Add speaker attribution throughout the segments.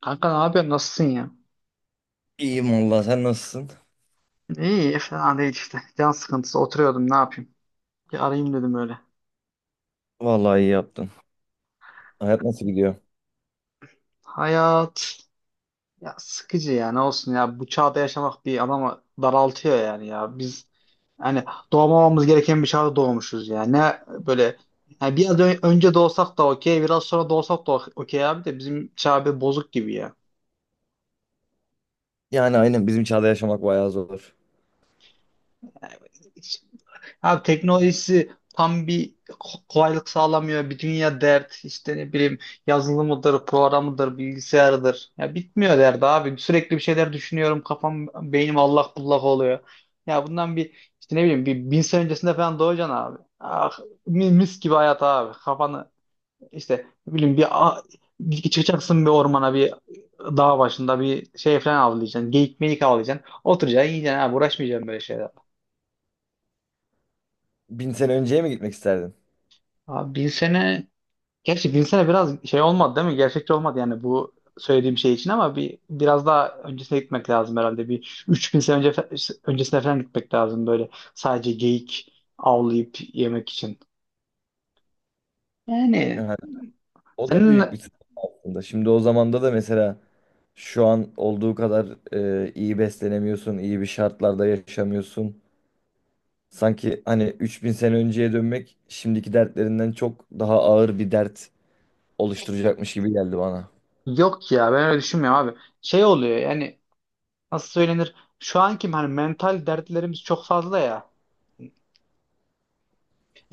Speaker 1: Kanka ne yapıyorsun? Nasılsın ya?
Speaker 2: İyiyim valla sen nasılsın?
Speaker 1: İyi, fena değil işte. Can sıkıntısı. Oturuyordum, ne yapayım? Bir arayayım dedim öyle.
Speaker 2: Vallahi iyi yaptın. Hayat nasıl gidiyor?
Speaker 1: Hayat ya sıkıcı ya. Ne olsun ya. Bu çağda yaşamak bir adamı daraltıyor yani ya. Biz yani doğmamamız gereken bir çağda doğmuşuz ya. Ne böyle yani biraz önce doğsak da okey, biraz sonra doğsak da okey abi de bizim çağ bir bozuk gibi ya.
Speaker 2: Yani aynen bizim çağda yaşamak bayağı zor.
Speaker 1: Abi teknolojisi tam bir kolaylık sağlamıyor. Bir dünya dert işte ne bileyim yazılımıdır, programıdır, bilgisayarıdır. Ya bitmiyor derdi abi. Sürekli bir şeyler düşünüyorum. Kafam, beynim allak bullak oluyor. Ya bundan bir işte ne bileyim bir bin sene öncesinde falan doğacaksın abi. Ah, mis gibi hayat abi. Kafanı işte ne bileyim çıkacaksın bir ormana bir dağ başında bir şey falan avlayacaksın. Geyik meyik avlayacaksın. Oturacaksın yiyeceksin abi. Uğraşmayacaksın böyle şeyler.
Speaker 2: Bin sene önceye mi gitmek isterdin?
Speaker 1: Abi bin sene gerçi Vince'e biraz şey olmadı değil mi? Gerçekçi olmadı yani bu söylediğim şey için ama bir biraz daha öncesine gitmek lazım herhalde. Bir 3000 sene önce öncesine falan gitmek lazım böyle. Sadece geyik avlayıp yemek için. Yani
Speaker 2: Yani o da
Speaker 1: senin
Speaker 2: büyük bir sıkıntı aslında. Şimdi o zamanda da mesela şu an olduğu kadar iyi beslenemiyorsun, iyi bir şartlarda yaşamıyorsun. Sanki hani 3000 sene önceye dönmek şimdiki dertlerinden çok daha ağır bir dert oluşturacakmış gibi geldi bana.
Speaker 1: yok ya ben öyle düşünmüyorum abi. Şey oluyor yani nasıl söylenir? Şu anki hani mental dertlerimiz çok fazla ya.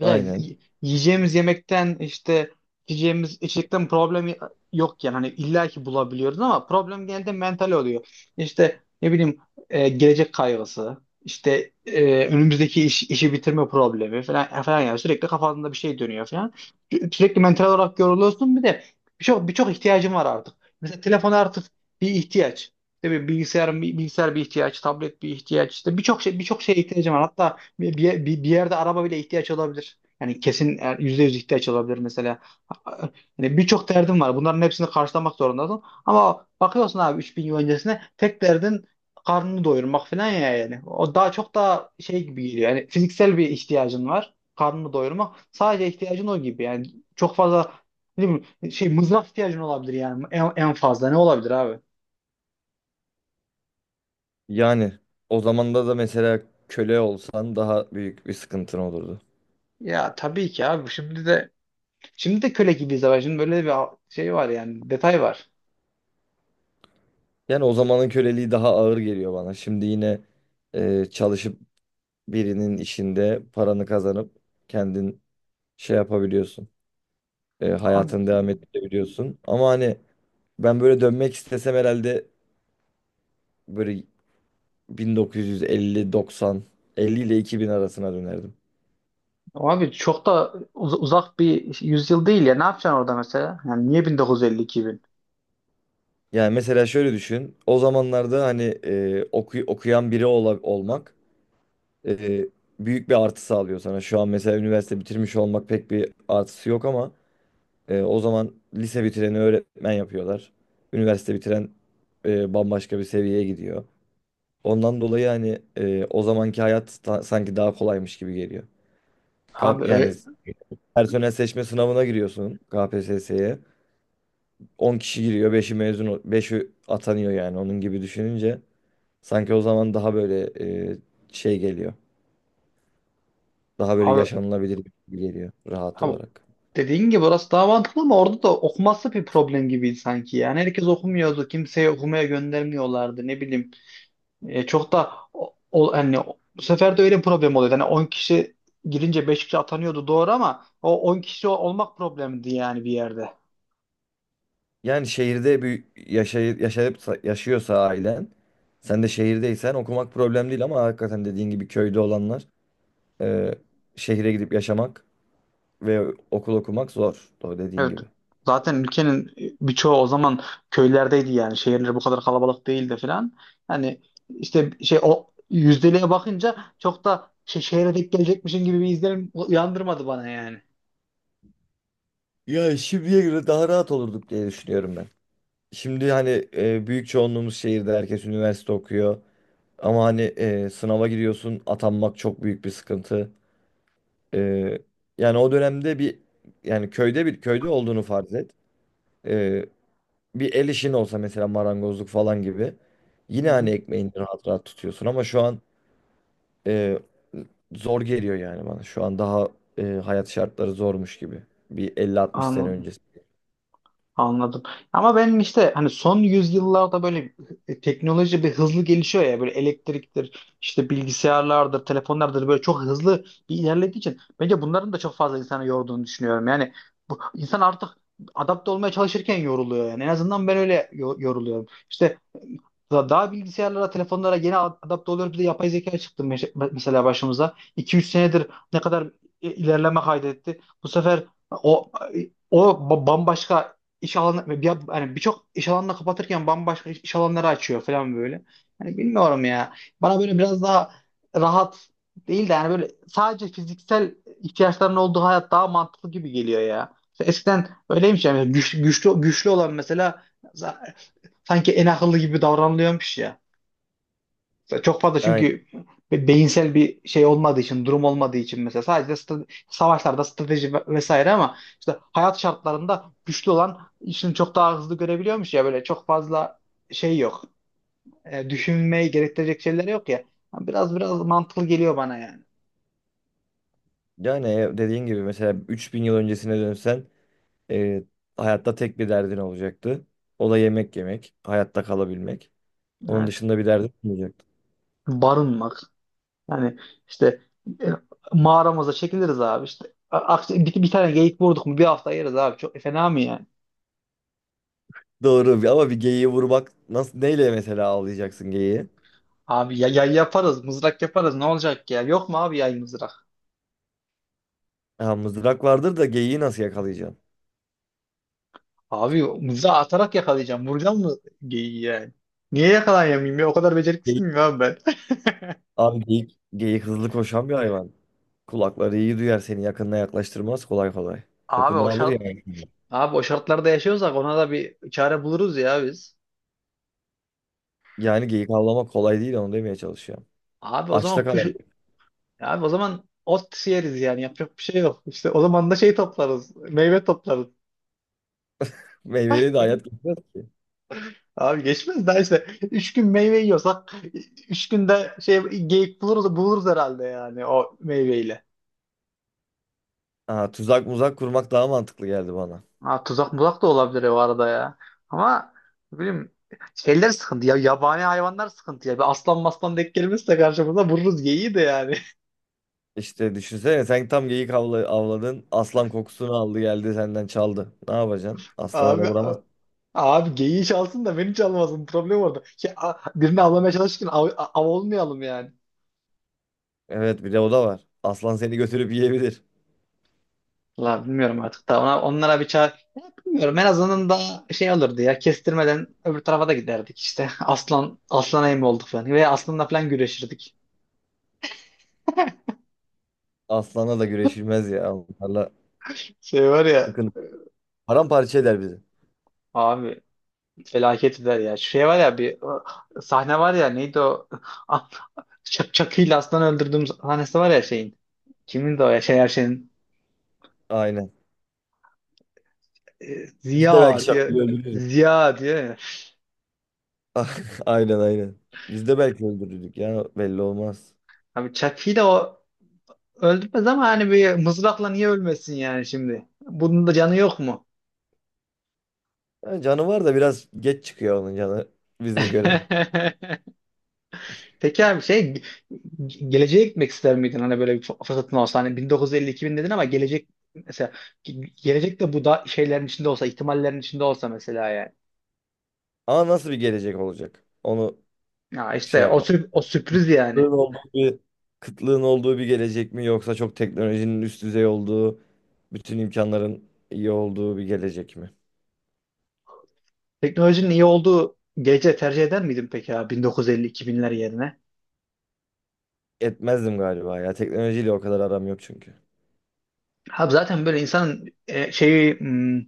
Speaker 1: Mesela
Speaker 2: Aynen.
Speaker 1: yiyeceğimiz yemekten işte içeceğimiz içecekten problem yok yani hani illa ki bulabiliyoruz ama problem genelde mental oluyor. İşte ne bileyim gelecek kaygısı, işte önümüzdeki işi bitirme problemi falan falan yani sürekli kafasında bir şey dönüyor falan. Sürekli mental olarak yoruluyorsun bir de birçok ihtiyacın var artık. Mesela telefon artık bir ihtiyaç. İşte bir bilgisayar, bir bilgisayar bir ihtiyaç, tablet bir ihtiyaç. İşte birçok şey birçok şeye ihtiyacım var. Hatta bir yerde araba bile ihtiyaç olabilir. Yani kesin yüzde yüz ihtiyaç olabilir mesela. Yani birçok derdin var. Bunların hepsini karşılamak zorundasın. Ama bakıyorsun abi 3000 yıl öncesine tek derdin karnını doyurmak falan ya yani. O daha çok daha şey gibi geliyor. Yani fiziksel bir ihtiyacın var. Karnını doyurmak. Sadece ihtiyacın o gibi. Yani çok fazla ne bileyim, şey mızrak ihtiyacın olabilir yani en fazla ne olabilir abi?
Speaker 2: Yani o zamanda da mesela köle olsan daha büyük bir sıkıntın olurdu.
Speaker 1: Ya tabii ki abi şimdi de köle gibiyiz ama şimdi böyle bir şey var yani detay var.
Speaker 2: Yani o zamanın köleliği daha ağır geliyor bana. Şimdi yine çalışıp birinin işinde paranı kazanıp kendin şey yapabiliyorsun.
Speaker 1: Abi,
Speaker 2: Hayatını devam ettirebiliyorsun. Ama hani ben böyle dönmek istesem herhalde böyle 1950, 90, 50 ile 2000 arasına dönerdim.
Speaker 1: abi çok da uzak bir yüzyıl değil ya. Ne yapacaksın orada mesela? Yani niye 1950 bin?
Speaker 2: Yani mesela şöyle düşün. O zamanlarda hani okuyan biri olmak e, büyük bir artı sağlıyor sana. Şu an mesela üniversite bitirmiş olmak pek bir artısı yok ama o zaman lise bitireni öğretmen yapıyorlar. Üniversite bitiren bambaşka bir seviyeye gidiyor. Ondan dolayı hani o zamanki hayat sanki daha kolaymış gibi geliyor.
Speaker 1: Abi,
Speaker 2: Yani
Speaker 1: öyle,
Speaker 2: personel seçme sınavına giriyorsun KPSS'ye. 10 kişi giriyor, 5'i mezun, 5'i atanıyor yani onun gibi düşününce sanki o zaman daha böyle e, şey geliyor. Daha böyle
Speaker 1: abi,
Speaker 2: yaşanılabilir gibi geliyor rahat
Speaker 1: abi
Speaker 2: olarak.
Speaker 1: dediğin gibi orası daha mantıklı ama orada da okuması bir problem gibiydi sanki. Yani herkes okumuyordu. Kimseyi okumaya göndermiyorlardı. Ne bileyim. E, çok da bu sefer de öyle bir problem oluyordu. Hani 10 kişi girince 5 kişi atanıyordu doğru ama o 10 kişi olmak problemdi yani bir yerde.
Speaker 2: Yani şehirde bir yaşayıp yaşıyorsa ailen, sen de şehirdeysen okumak problem değil ama hakikaten dediğin gibi köyde olanlar e, şehire gidip yaşamak ve okul okumak zor. Doğru dediğin
Speaker 1: Evet.
Speaker 2: gibi.
Speaker 1: Zaten ülkenin birçoğu o zaman köylerdeydi yani. Şehirler bu kadar kalabalık değildi falan. Yani işte şey o yüzdeliğe bakınca çok da şey, şehre denk gelecekmişin gibi bir izlenim uyandırmadı bana yani.
Speaker 2: Ya şimdiye göre daha rahat olurduk diye düşünüyorum ben. Şimdi hani büyük çoğunluğumuz şehirde herkes üniversite okuyor. Ama hani sınava giriyorsun atanmak çok büyük bir sıkıntı. Ee, Yani o dönemde bir köyde olduğunu farz et. Ee, Bir el işin olsa mesela marangozluk falan gibi.
Speaker 1: Hı
Speaker 2: Yine hani
Speaker 1: hı.
Speaker 2: ekmeğini rahat rahat tutuyorsun ama şu an e, zor geliyor yani bana. Şu an daha hayat şartları zormuş gibi. Bir elli altmış sene
Speaker 1: Anladım.
Speaker 2: öncesi.
Speaker 1: Anladım. Ama benim işte hani son yüzyıllarda böyle teknoloji bir hızlı gelişiyor ya böyle elektriktir, işte bilgisayarlardır, telefonlardır böyle çok hızlı bir ilerlediği için bence bunların da çok fazla insanı yorduğunu düşünüyorum. Yani bu insan artık adapte olmaya çalışırken yoruluyor yani. En azından ben öyle yoruluyorum. İşte daha bilgisayarlara, telefonlara yeni adapte oluyoruz. Bir de yapay zeka çıktı mesela başımıza. 2-3 senedir ne kadar ilerleme kaydetti. Bu sefer o bambaşka iş alanı bir, hani birçok iş alanını kapatırken bambaşka iş alanları açıyor falan böyle. Hani bilmiyorum ya. Bana böyle biraz daha rahat değil de yani böyle sadece fiziksel ihtiyaçların olduğu hayat daha mantıklı gibi geliyor ya. Eskiden öyleymiş yani güçlü olan mesela sanki en akıllı gibi davranılıyormuş ya. Mesela çok fazla
Speaker 2: Aynen.
Speaker 1: çünkü beyinsel bir şey olmadığı için, durum olmadığı için mesela sadece savaşlarda strateji vesaire ama işte hayat şartlarında güçlü olan işini çok daha hızlı görebiliyormuş ya böyle çok fazla şey yok. E, düşünmeyi gerektirecek şeyler yok ya. Biraz mantıklı geliyor bana yani.
Speaker 2: Yani dediğin gibi mesela 3000 yıl öncesine dönsen e, hayatta tek bir derdin olacaktı. O da yemek yemek, hayatta kalabilmek. Onun
Speaker 1: Evet.
Speaker 2: dışında bir derdin olmayacak.
Speaker 1: Barınmak. Yani işte e, mağaramıza çekiliriz abi işte. Bir, bir tane geyik vurduk mu bir hafta yeriz abi. Çok fena mı yani?
Speaker 2: Doğru ama bir geyiği vurmak nasıl neyle mesela avlayacaksın geyiği?
Speaker 1: Abi ya, yaparız, mızrak yaparız. Ne olacak ya? Yok mu abi yay mızrak?
Speaker 2: Ha, mızrak vardır da geyiği nasıl yakalayacaksın?
Speaker 1: Abi mızrağı atarak yakalayacağım. Vuracağım mı geyiği yani? Niye yakalayamayayım ya? O kadar beceriksiz
Speaker 2: Geyik.
Speaker 1: miyim abi ben?
Speaker 2: Abi geyik, geyik hızlı koşan bir hayvan. Kulakları iyi duyar seni yakınına yaklaştırmaz kolay kolay.
Speaker 1: Abi
Speaker 2: Kokunu
Speaker 1: o
Speaker 2: alır
Speaker 1: şart
Speaker 2: yani.
Speaker 1: abi o şartlarda yaşıyorsak ona da bir çare buluruz ya biz.
Speaker 2: Yani geyik avlamak kolay değil onu demeye çalışıyorum.
Speaker 1: Abi o
Speaker 2: Açta
Speaker 1: zaman kuş
Speaker 2: kalabilir.
Speaker 1: abi o zaman ot yeriz yani yapacak bir şey yok. İşte o zaman da şey toplarız. Meyve toplarız.
Speaker 2: Meyveli de hayat geçmez ki.
Speaker 1: Abi geçmez daha işte. Üç gün meyve yiyorsak üç günde şey geyik buluruz herhalde yani o meyveyle.
Speaker 2: Ha, tuzak muzak kurmak daha mantıklı geldi bana.
Speaker 1: Ha, tuzak muzak da olabilir o arada ya. Ama ne bileyim şeyler sıkıntı ya. Yabani hayvanlar sıkıntı ya. Bir aslan maslan denk gelmezse karşımıza vururuz geyiği de yani.
Speaker 2: İşte düşünsene sen tam geyik avladın. Aslan kokusunu aldı geldi senden çaldı. Ne yapacaksın? Aslanı da
Speaker 1: Abi
Speaker 2: vuramazsın.
Speaker 1: abi geyiği çalsın da beni çalmasın. Problem orada. Şey, birini avlamaya çalışırken av olmayalım yani.
Speaker 2: Evet bir de o da var. Aslan seni götürüp yiyebilir.
Speaker 1: La bilmiyorum artık da onlara bir çare bilmiyorum en azından da şey olurdu ya kestirmeden öbür tarafa da giderdik işte aslan aslana yem olduk falan veya aslanla falan güreşirdik.
Speaker 2: Aslanla da güreşilmez ya. Onlarla
Speaker 1: Şey var ya
Speaker 2: sıkıntı. Paramparça eder bizi.
Speaker 1: abi felaket eder ya. Şey var ya bir o sahne var ya neydi o? Ah, çakıyla aslan öldürdüğüm sahnesi var ya şeyin. Kimin de o ya şey her şeyin.
Speaker 2: Aynen. Biz de belki
Speaker 1: Ziya diye.
Speaker 2: şakayı öldürürüz.
Speaker 1: Ziya diye. Ya.
Speaker 2: Ah, aynen aynen. Biz de belki öldürürdük ya belli olmaz.
Speaker 1: Abi çakıyla o öldürmez ama hani bir mızrakla niye ölmesin yani şimdi? Bunun da canı yok mu?
Speaker 2: Yani canı var da biraz geç çıkıyor onun canı bize göre.
Speaker 1: Peki abi şey geleceğe gitmek ister miydin? Hani böyle bir fırsatın olsa hani 1950-2000 dedin ama gelecek mesela gelecek de bu da şeylerin içinde olsa ihtimallerin içinde olsa mesela yani.
Speaker 2: Ama nasıl bir gelecek olacak? Onu
Speaker 1: Ya
Speaker 2: şey
Speaker 1: işte o,
Speaker 2: yapmamız
Speaker 1: o
Speaker 2: lazım.
Speaker 1: sürpriz yani.
Speaker 2: Kıtlığın olduğu bir, kıtlığın olduğu bir gelecek mi yoksa çok teknolojinin üst düzey olduğu, bütün imkanların iyi olduğu bir gelecek mi?
Speaker 1: Teknolojinin iyi olduğu gece tercih eder miydin peki ya 1950-2000'ler yerine?
Speaker 2: Etmezdim galiba ya. Teknolojiyle o kadar aram yok çünkü.
Speaker 1: Abi zaten böyle insanın şeyi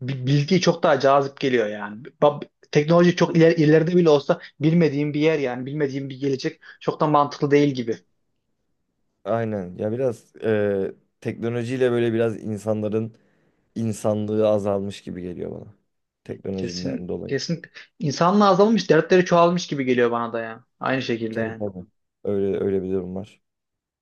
Speaker 1: bilgi çok daha cazip geliyor yani. Teknoloji çok ileride bile olsa bilmediğim bir yer yani bilmediğim bir gelecek çok da mantıklı değil gibi.
Speaker 2: Aynen. Ya biraz teknolojiyle böyle biraz insanların insanlığı azalmış gibi geliyor bana. Teknolojiden
Speaker 1: Kesin
Speaker 2: dolayı.
Speaker 1: kesin insanlığa azalmış dertleri çoğalmış gibi geliyor bana da ya. Aynı şekilde
Speaker 2: Tabii
Speaker 1: yani.
Speaker 2: tabii. Öyle öyle bir durum var.